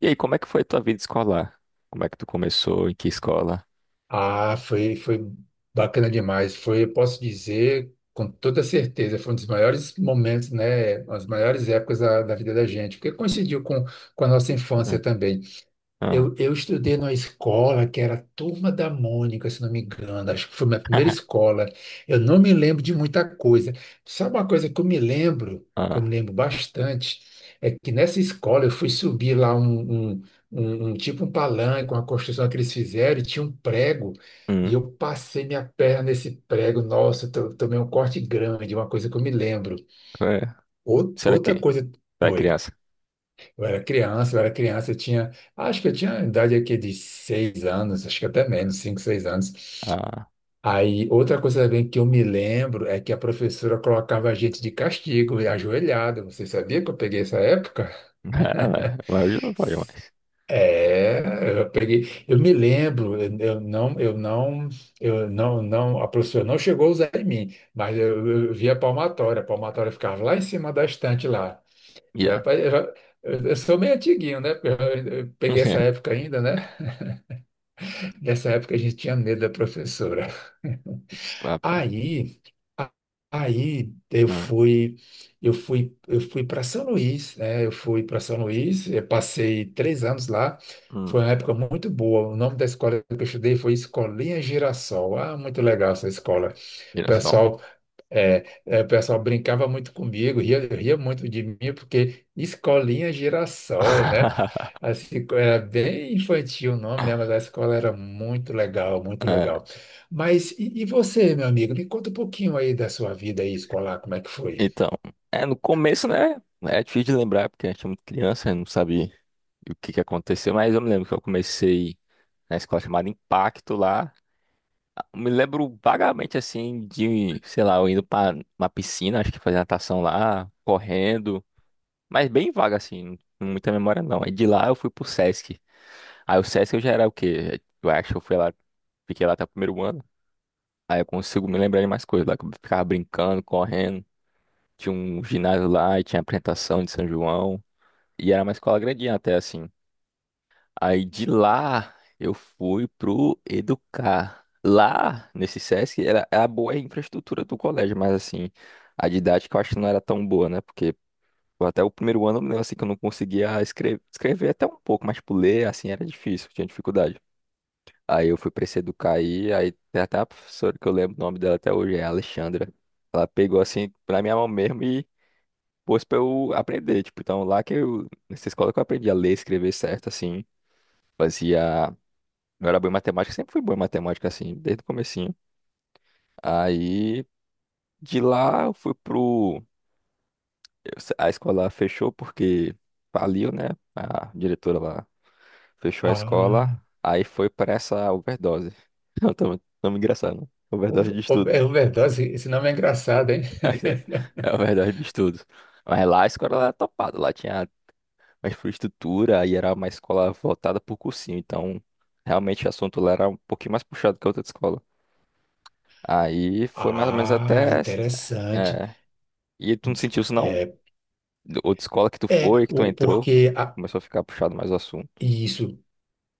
E aí, como é que foi a tua vida escolar? Como é que tu começou? Em que escola? Ah, foi bacana demais. Foi, eu posso dizer com toda certeza, foi um dos maiores momentos, né? As maiores épocas da vida da gente, porque coincidiu com a nossa infância Hum. também. Ah. Eu estudei numa escola que era a Turma da Mônica, se não me engano. Acho que foi minha primeira escola. Eu não me lembro de muita coisa. Sabe uma coisa que eu me lembro, que eu me Ah. lembro bastante, é que nessa escola eu fui subir lá um tipo um palanque, uma construção que eles fizeram, e tinha um prego, e Hum. eu passei minha perna nesse prego. Nossa, eu tomei um corte grande, uma coisa que eu me lembro. É. Será Outra que coisa. tu é Oi. criança? Eu era criança, acho que eu tinha a idade aqui de 6 anos, acho que até menos, cinco, 6 anos. Ah. Aí, outra coisa também que eu me lembro é que a professora colocava a gente de castigo, e ajoelhado. Você sabia que eu peguei essa época? É, mas hoje não pode mais. É, eu peguei, eu me lembro. Eu não, a professora não chegou a usar em mim, mas eu via a palmatória. A palmatória ficava lá em cima da estante lá. É, Yeah. rapaz, eu sou meio antiguinho, né? Porque eu peguei essa época ainda, né? Nessa época a gente tinha medo da professora. Papa. Aí, a- aí, eu Hum, fui, eu fui, eu fui para São Luís, né? Eu fui para São Luís, eu passei 3 anos lá. Foi hum, uma época muito boa. O nome da escola que eu estudei foi Escolinha Girassol. Ah, muito legal essa escola. O girassol. pessoal É, é, o pessoal brincava muito comigo, ria, ria muito de mim, porque escolinha é girassol, né? Assim, era bem infantil o nome, né? Mas a escola era muito legal, muito É. legal. Mas e você, meu amigo? Me conta um pouquinho aí da sua vida aí escolar, como é que foi? Então, é, no começo, né? É difícil de lembrar, porque a gente é muito criança, eu não sabe o que que aconteceu, mas eu me lembro que eu comecei na escola chamada Impacto lá. Me lembro vagamente assim de, sei lá, eu indo pra uma piscina, acho que fazer natação lá, correndo, mas bem vaga assim, não muita memória não. Aí de lá eu fui pro Sesc. Aí o Sesc eu já era o quê? Eu acho que eu fui lá, fiquei lá até o primeiro ano. Aí eu consigo me lembrar de mais coisas lá, que eu ficava brincando, correndo. Tinha um ginásio lá e tinha apresentação de São João. E era uma escola grandinha até assim. Aí de lá eu fui pro Educar. Lá nesse SESC era, a boa infraestrutura do colégio, mas assim, a didática eu acho que não era tão boa, né? Porque pô, até o primeiro ano eu assim que eu não conseguia escrever, escrever até um pouco, mas tipo, ler assim era difícil, tinha dificuldade. Aí eu fui pra esse Educar aí, aí tem até a professora que eu lembro o nome dela até hoje, é a Alexandra. Ela pegou assim pra minha mão mesmo e pôs pra eu aprender, tipo, então lá que eu, nessa escola que eu aprendi a ler, escrever certo, assim fazia eu era bom em matemática, sempre fui bom em matemática, assim, desde o comecinho. Aí, de lá, eu fui pro... eu se- a escola fechou porque faliu, né? A diretora lá fechou a escola, Ah, aí foi pra essa overdose. Não, tô me engraçando. o- Overdose de estudo. é overdose. Esse nome é engraçado, hein? É overdose de estudo. Mas lá a escola era topada, lá tinha uma infraestrutura e era uma escola voltada pro cursinho, então realmente o assunto lá era um pouquinho mais puxado que a outra escola. Aí foi mais ou menos Ah, até... interessante. É. E tu não sentiu isso não? Outra escola que tu É, foi, que tu entrou, que começou a ficar puxado mais o assunto. isso.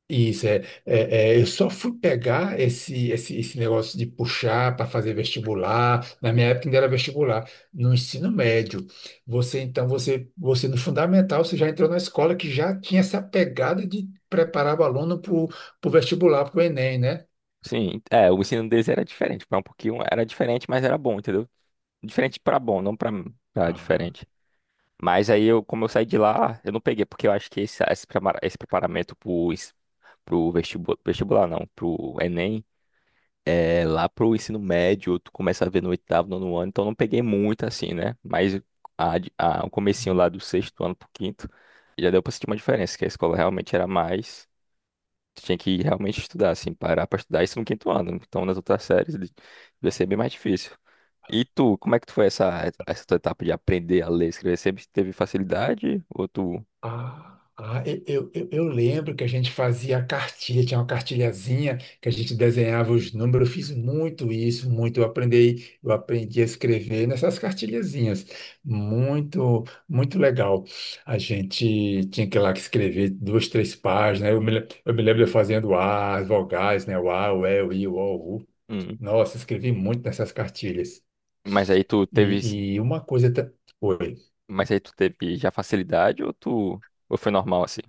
Isso, eu só fui pegar esse negócio de puxar para fazer vestibular. Na minha época ainda era vestibular, no ensino médio. Você, então, você no fundamental, você já entrou na escola que já tinha essa pegada de preparar o aluno para o vestibular, para o Enem, né? Sim, é, o ensino deles era diferente, foi um pouquinho, era diferente, mas era bom, entendeu? Diferente pra bom, não pra, Ah. diferente. Mas aí eu, como eu saí de lá, eu não peguei, porque eu acho que esse preparamento pro vestibular, vestibular não, pro Enem. É, lá pro ensino médio, tu começa a ver no oitavo, nono ano, então não peguei muito assim, né? Mas o comecinho lá do sexto ano pro quinto, já deu pra sentir uma diferença, que a escola realmente era mais. Tu tinha que realmente estudar, assim, parar pra estudar isso no quinto ano. Então nas outras séries devia ser bem mais difícil. E tu, como é que tu foi essa tua etapa de aprender a ler e escrever? Sempre teve facilidade? Ou tu. Ah, eu lembro que a gente fazia a cartilha, tinha uma cartilhazinha que a gente desenhava os números. Eu fiz muito isso, muito. Eu aprendi a escrever nessas cartilhazinhas. Muito, muito legal. A gente tinha que ir lá que escrever duas, três páginas. Eu me lembro eu fazendo A, as vogais, né? O A, o E, o I, o O, o U. Hum, Nossa, escrevi muito nessas cartilhas. mas aí tu teve. E uma coisa. Oi. Mas aí tu teve já facilidade ou tu. Ou foi normal assim?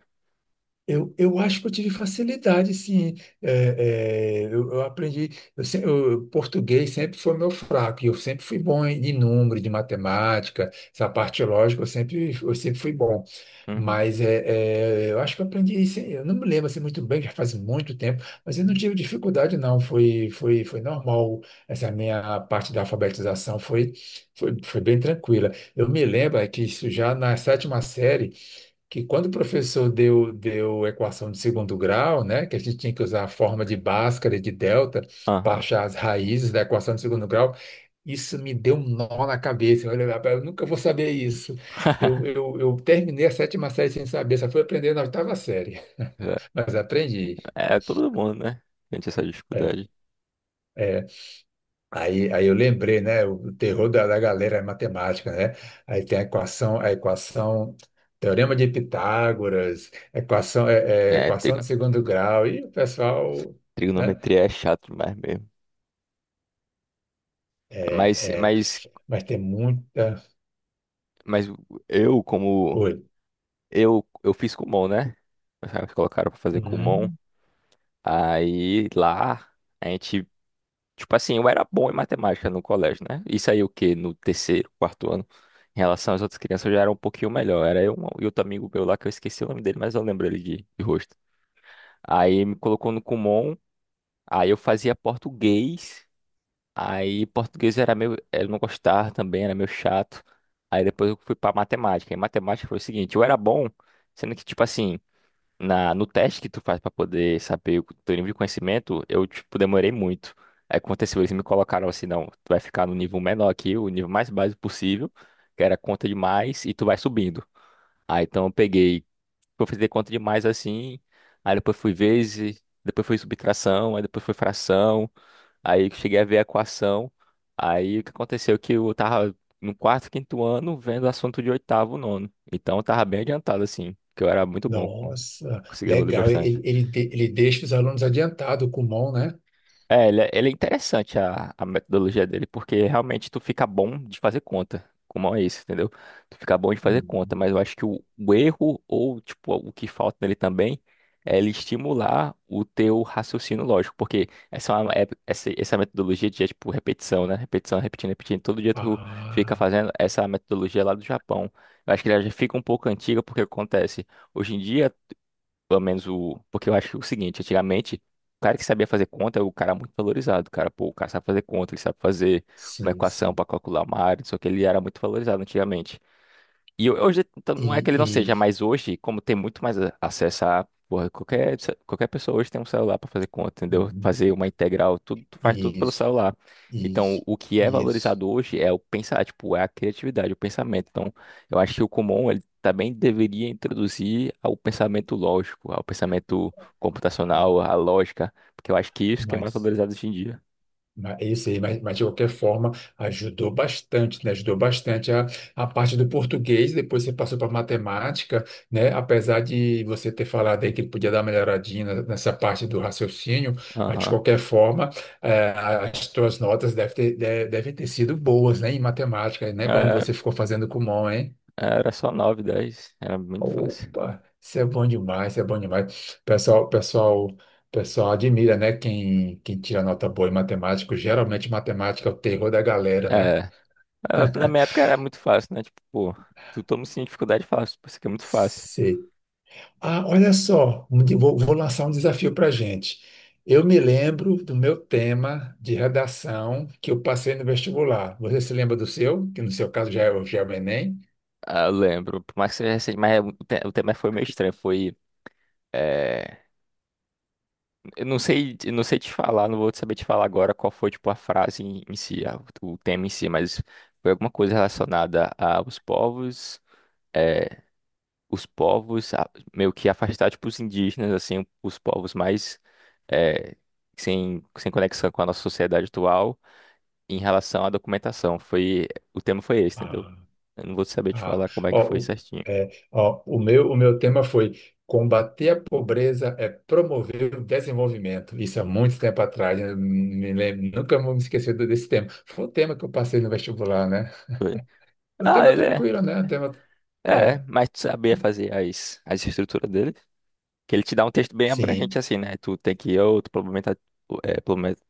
Eu acho que eu tive facilidade, sim. É, eu aprendi. Eu, se- eu- Português sempre foi meu fraco, e eu sempre fui bom em de número, de matemática, essa parte lógica, eu sempre fui bom. Uhum. Mas eu acho que eu aprendi isso. Eu não me lembro assim, muito bem, já faz muito tempo, mas eu não Uhum. tive dificuldade, não. Foi normal. Essa minha parte da alfabetização foi bem tranquila. Eu me lembro é que isso já na sétima série, que quando o professor deu equação de segundo grau, né, que a gente tinha que usar a forma de Bhaskara e de delta para Aham. achar as raízes da equação de segundo grau, isso me deu um nó na cabeça. Eu falei: "Rapaz, eu nunca vou saber isso. Eu terminei a sétima série sem saber, só fui aprender na oitava série, É, mas aprendi. é todo mundo, né? Sente essa É. dificuldade. é, aí, eu lembrei, né? O terror da galera é matemática, né? Aí tem a equação, teorema de Pitágoras, equação, É, equação de segundo grau, e o pessoal, né? trigonometria é chato demais mesmo. Mas, É, é, mas, mas tem muita. mas eu, como. Oi. Eu fiz Kumon, né? Eles colocaram pra fazer Kumon. Hum, Aí lá, a gente. Tipo assim, eu era bom em matemática no colégio, né? Isso aí o quê? No terceiro, quarto ano. Em relação às outras crianças, eu já era um pouquinho melhor. Era eu um, e outro amigo meu lá, que eu esqueci o nome dele, mas eu lembro ele de rosto. Aí me colocou no Kumon. Aí eu fazia português. Aí português era meio, eu não gostava também, era meio chato. Aí depois eu fui pra matemática. E matemática foi o seguinte, eu era bom, sendo que tipo assim, na no teste que tu faz pra poder saber o teu nível de conhecimento, eu tipo demorei muito. Aí aconteceu, eles me colocaram assim, não, tu vai ficar no nível menor aqui, o nível mais básico possível, que era conta de mais e tu vai subindo. Aí então eu peguei, eu fazer conta de mais assim, aí depois fui vezes, depois foi subtração, aí depois foi fração. Aí que cheguei a ver a equação. Aí o que aconteceu? É que eu tava no quarto, quinto ano vendo assunto de oitavo, nono. Então eu tava bem adiantado, assim, que eu era muito bom. Nossa, Conseguia evoluir legal. bastante. Ele deixa os alunos adiantados com mão, né? É, ele é, interessante a metodologia dele, porque realmente tu fica bom de fazer conta, como é isso, entendeu? Tu fica bom de fazer conta, mas eu Hum. acho que o erro, ou tipo, o que falta nele também, é ele estimular o teu raciocínio lógico, porque essa, é uma- é- essa metodologia de, tipo, repetição, né? Repetição, repetindo, repetindo, todo dia tu fica Ah, fazendo essa metodologia lá do Japão. Eu acho que ela já fica um pouco antiga, porque acontece, hoje em dia pelo menos o. Porque eu acho o seguinte, antigamente, o cara que sabia fazer conta era o cara muito valorizado. Cara, pô, o cara sabe fazer conta, ele sabe fazer uma sim, equação sim. para calcular uma área, só que ele era muito valorizado antigamente. E hoje, então, E, não é que ele e, não seja, mas hoje, como tem muito mais acesso a. Porra, qualquer pessoa hoje tem um celular para fazer conta, entendeu? uhum, Fazer uma integral, tudo, tu faz tudo pelo isso, celular. Então, isso, o que é isso. valorizado hoje é o pensar, tipo, é a criatividade, o pensamento. Então, eu acho que o Kumon, ele também deveria introduzir ao pensamento lógico, ao pensamento Ah. computacional, à lógica, porque eu acho que isso que é mais Mas, valorizado hoje em dia. É isso aí, mas de qualquer forma ajudou bastante, né? Ajudou bastante a parte do português, depois você passou para matemática, né? Apesar de você ter falado aí que podia dar uma melhoradinha nessa parte do raciocínio, mas de Aham. qualquer forma, eh, as suas notas devem ter sido boas, né? Em matemática, né? Quando É, você ficou fazendo Kumon, hein? é, era só 9, 10 era muito fácil. Opa, isso é bom demais, isso é bom demais. Pessoal, pessoal, pessoal admira, né? Quem tira nota boa em matemática. Geralmente matemática é o terror da galera, né? É. Ah, na minha época era muito fácil, né? Tipo, pô, tu toma sim dificuldade fácil, pô, isso aqui é muito fácil. Sei. Ah, olha só, vou lançar um desafio para a gente. Eu me lembro do meu tema de redação que eu passei no vestibular. Você se lembra do seu? Que no seu caso já já é o Enem? Ah, eu lembro, por mais que seja recente, mas é, o tema foi meio estranho, foi... É, eu não sei, te falar, não vou saber te falar agora qual foi, tipo, a frase em si, o tema em si, mas foi alguma coisa relacionada aos povos, é, os povos, meio que afastar, tipo, os indígenas, assim, os povos mais... é, sem conexão com a nossa sociedade atual em relação à documentação. Foi, o tema foi esse, entendeu? Ah. Eu não vou saber te Ah, falar como é que foi ó, o, certinho. é, ó, o meu tema foi combater a pobreza é promover o desenvolvimento. Isso há muito tempo atrás, né? Me lembro, nunca vou me esquecer desse tema. Foi um tema que eu passei no vestibular, né? Foi. O Ah, tema ele é. tranquilo, né? O tema, É, é, mas tu sabia fazer as estruturas dele? Que ele te dá um texto bem abrangente sim. assim, né? Tu tem que ir, ou tu complementa, é, complementa-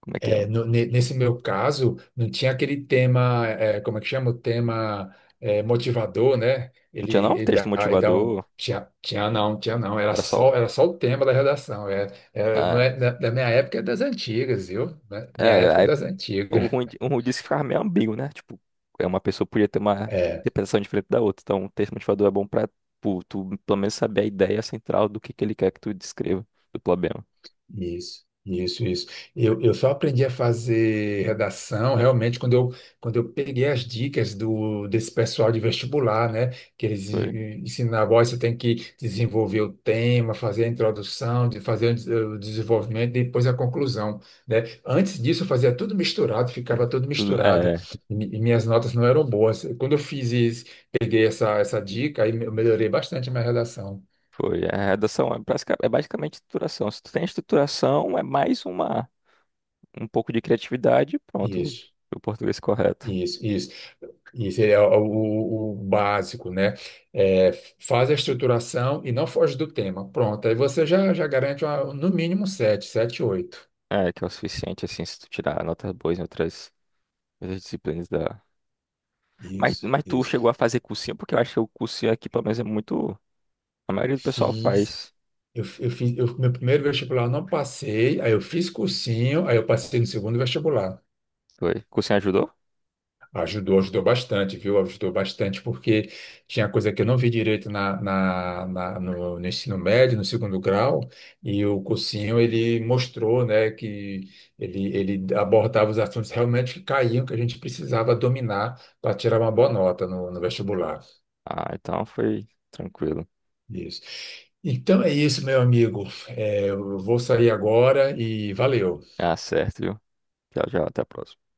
como é que é? Nesse meu caso, não tinha aquele tema, como é que chama? O tema motivador, né? Não Ele, tinha não? ele Texto dá, ele dá um. motivador, Tinha, tinha não, tinha não. Era era só. só, era só o tema da redação. É, é, Ah, não, é da minha época é das antigas, viu? Né? Minha é, época é aí, das o antigas. ruim, o ruim disso é que ficava meio ambíguo, né? Tipo, é uma pessoa podia ter uma É. interpretação diferente da outra. Então, o texto motivador é bom pra, tipo, tu pelo menos saber a ideia central do que ele quer que tu descreva do problema. Isso, isso, isso. Eu só aprendi a fazer redação realmente quando eu peguei as dicas desse pessoal de vestibular, né? Que eles Foi. Ensinavam: ó, você tem que desenvolver o tema, fazer a introdução, de fazer o o desenvolvimento e depois a conclusão, né? Antes disso, eu fazia tudo misturado, ficava tudo Tudo, misturado é, e minhas notas não eram boas. Quando eu fiz isso, peguei essa dica, aí eu melhorei bastante a minha redação. foi. É, a redação é, basicamente estruturação. Se tu tem estruturação, é mais uma, um pouco de criatividade, e pronto. Isso, O português correto. isso, isso. Isso é o básico, né? É, faz a estruturação e não foge do tema. Pronto, aí você já garante no mínimo sete, sete, oito. É, que é o suficiente, assim, se tu tirar notas boas em outras, disciplinas da. Mas, Isso, mas tu isso. chegou a fazer cursinho, porque eu acho que o cursinho aqui, pelo menos, é muito. A maioria do pessoal Fiz. faz. Meu primeiro vestibular eu não passei, aí eu fiz cursinho, aí eu passei no segundo vestibular. Foi. Cursinho ajudou? Ajudou, ajudou bastante, viu? Ajudou bastante, porque tinha coisa que eu não vi direito no ensino médio, no segundo grau, e o cursinho ele mostrou, né, que ele abordava os assuntos realmente que caíam, que a gente precisava dominar para tirar uma boa nota no vestibular. Ah, então foi tranquilo. Isso. Então é isso, meu amigo. É, eu vou sair agora e valeu. Ah, certo, viu? Tchau, tchau, até a próxima.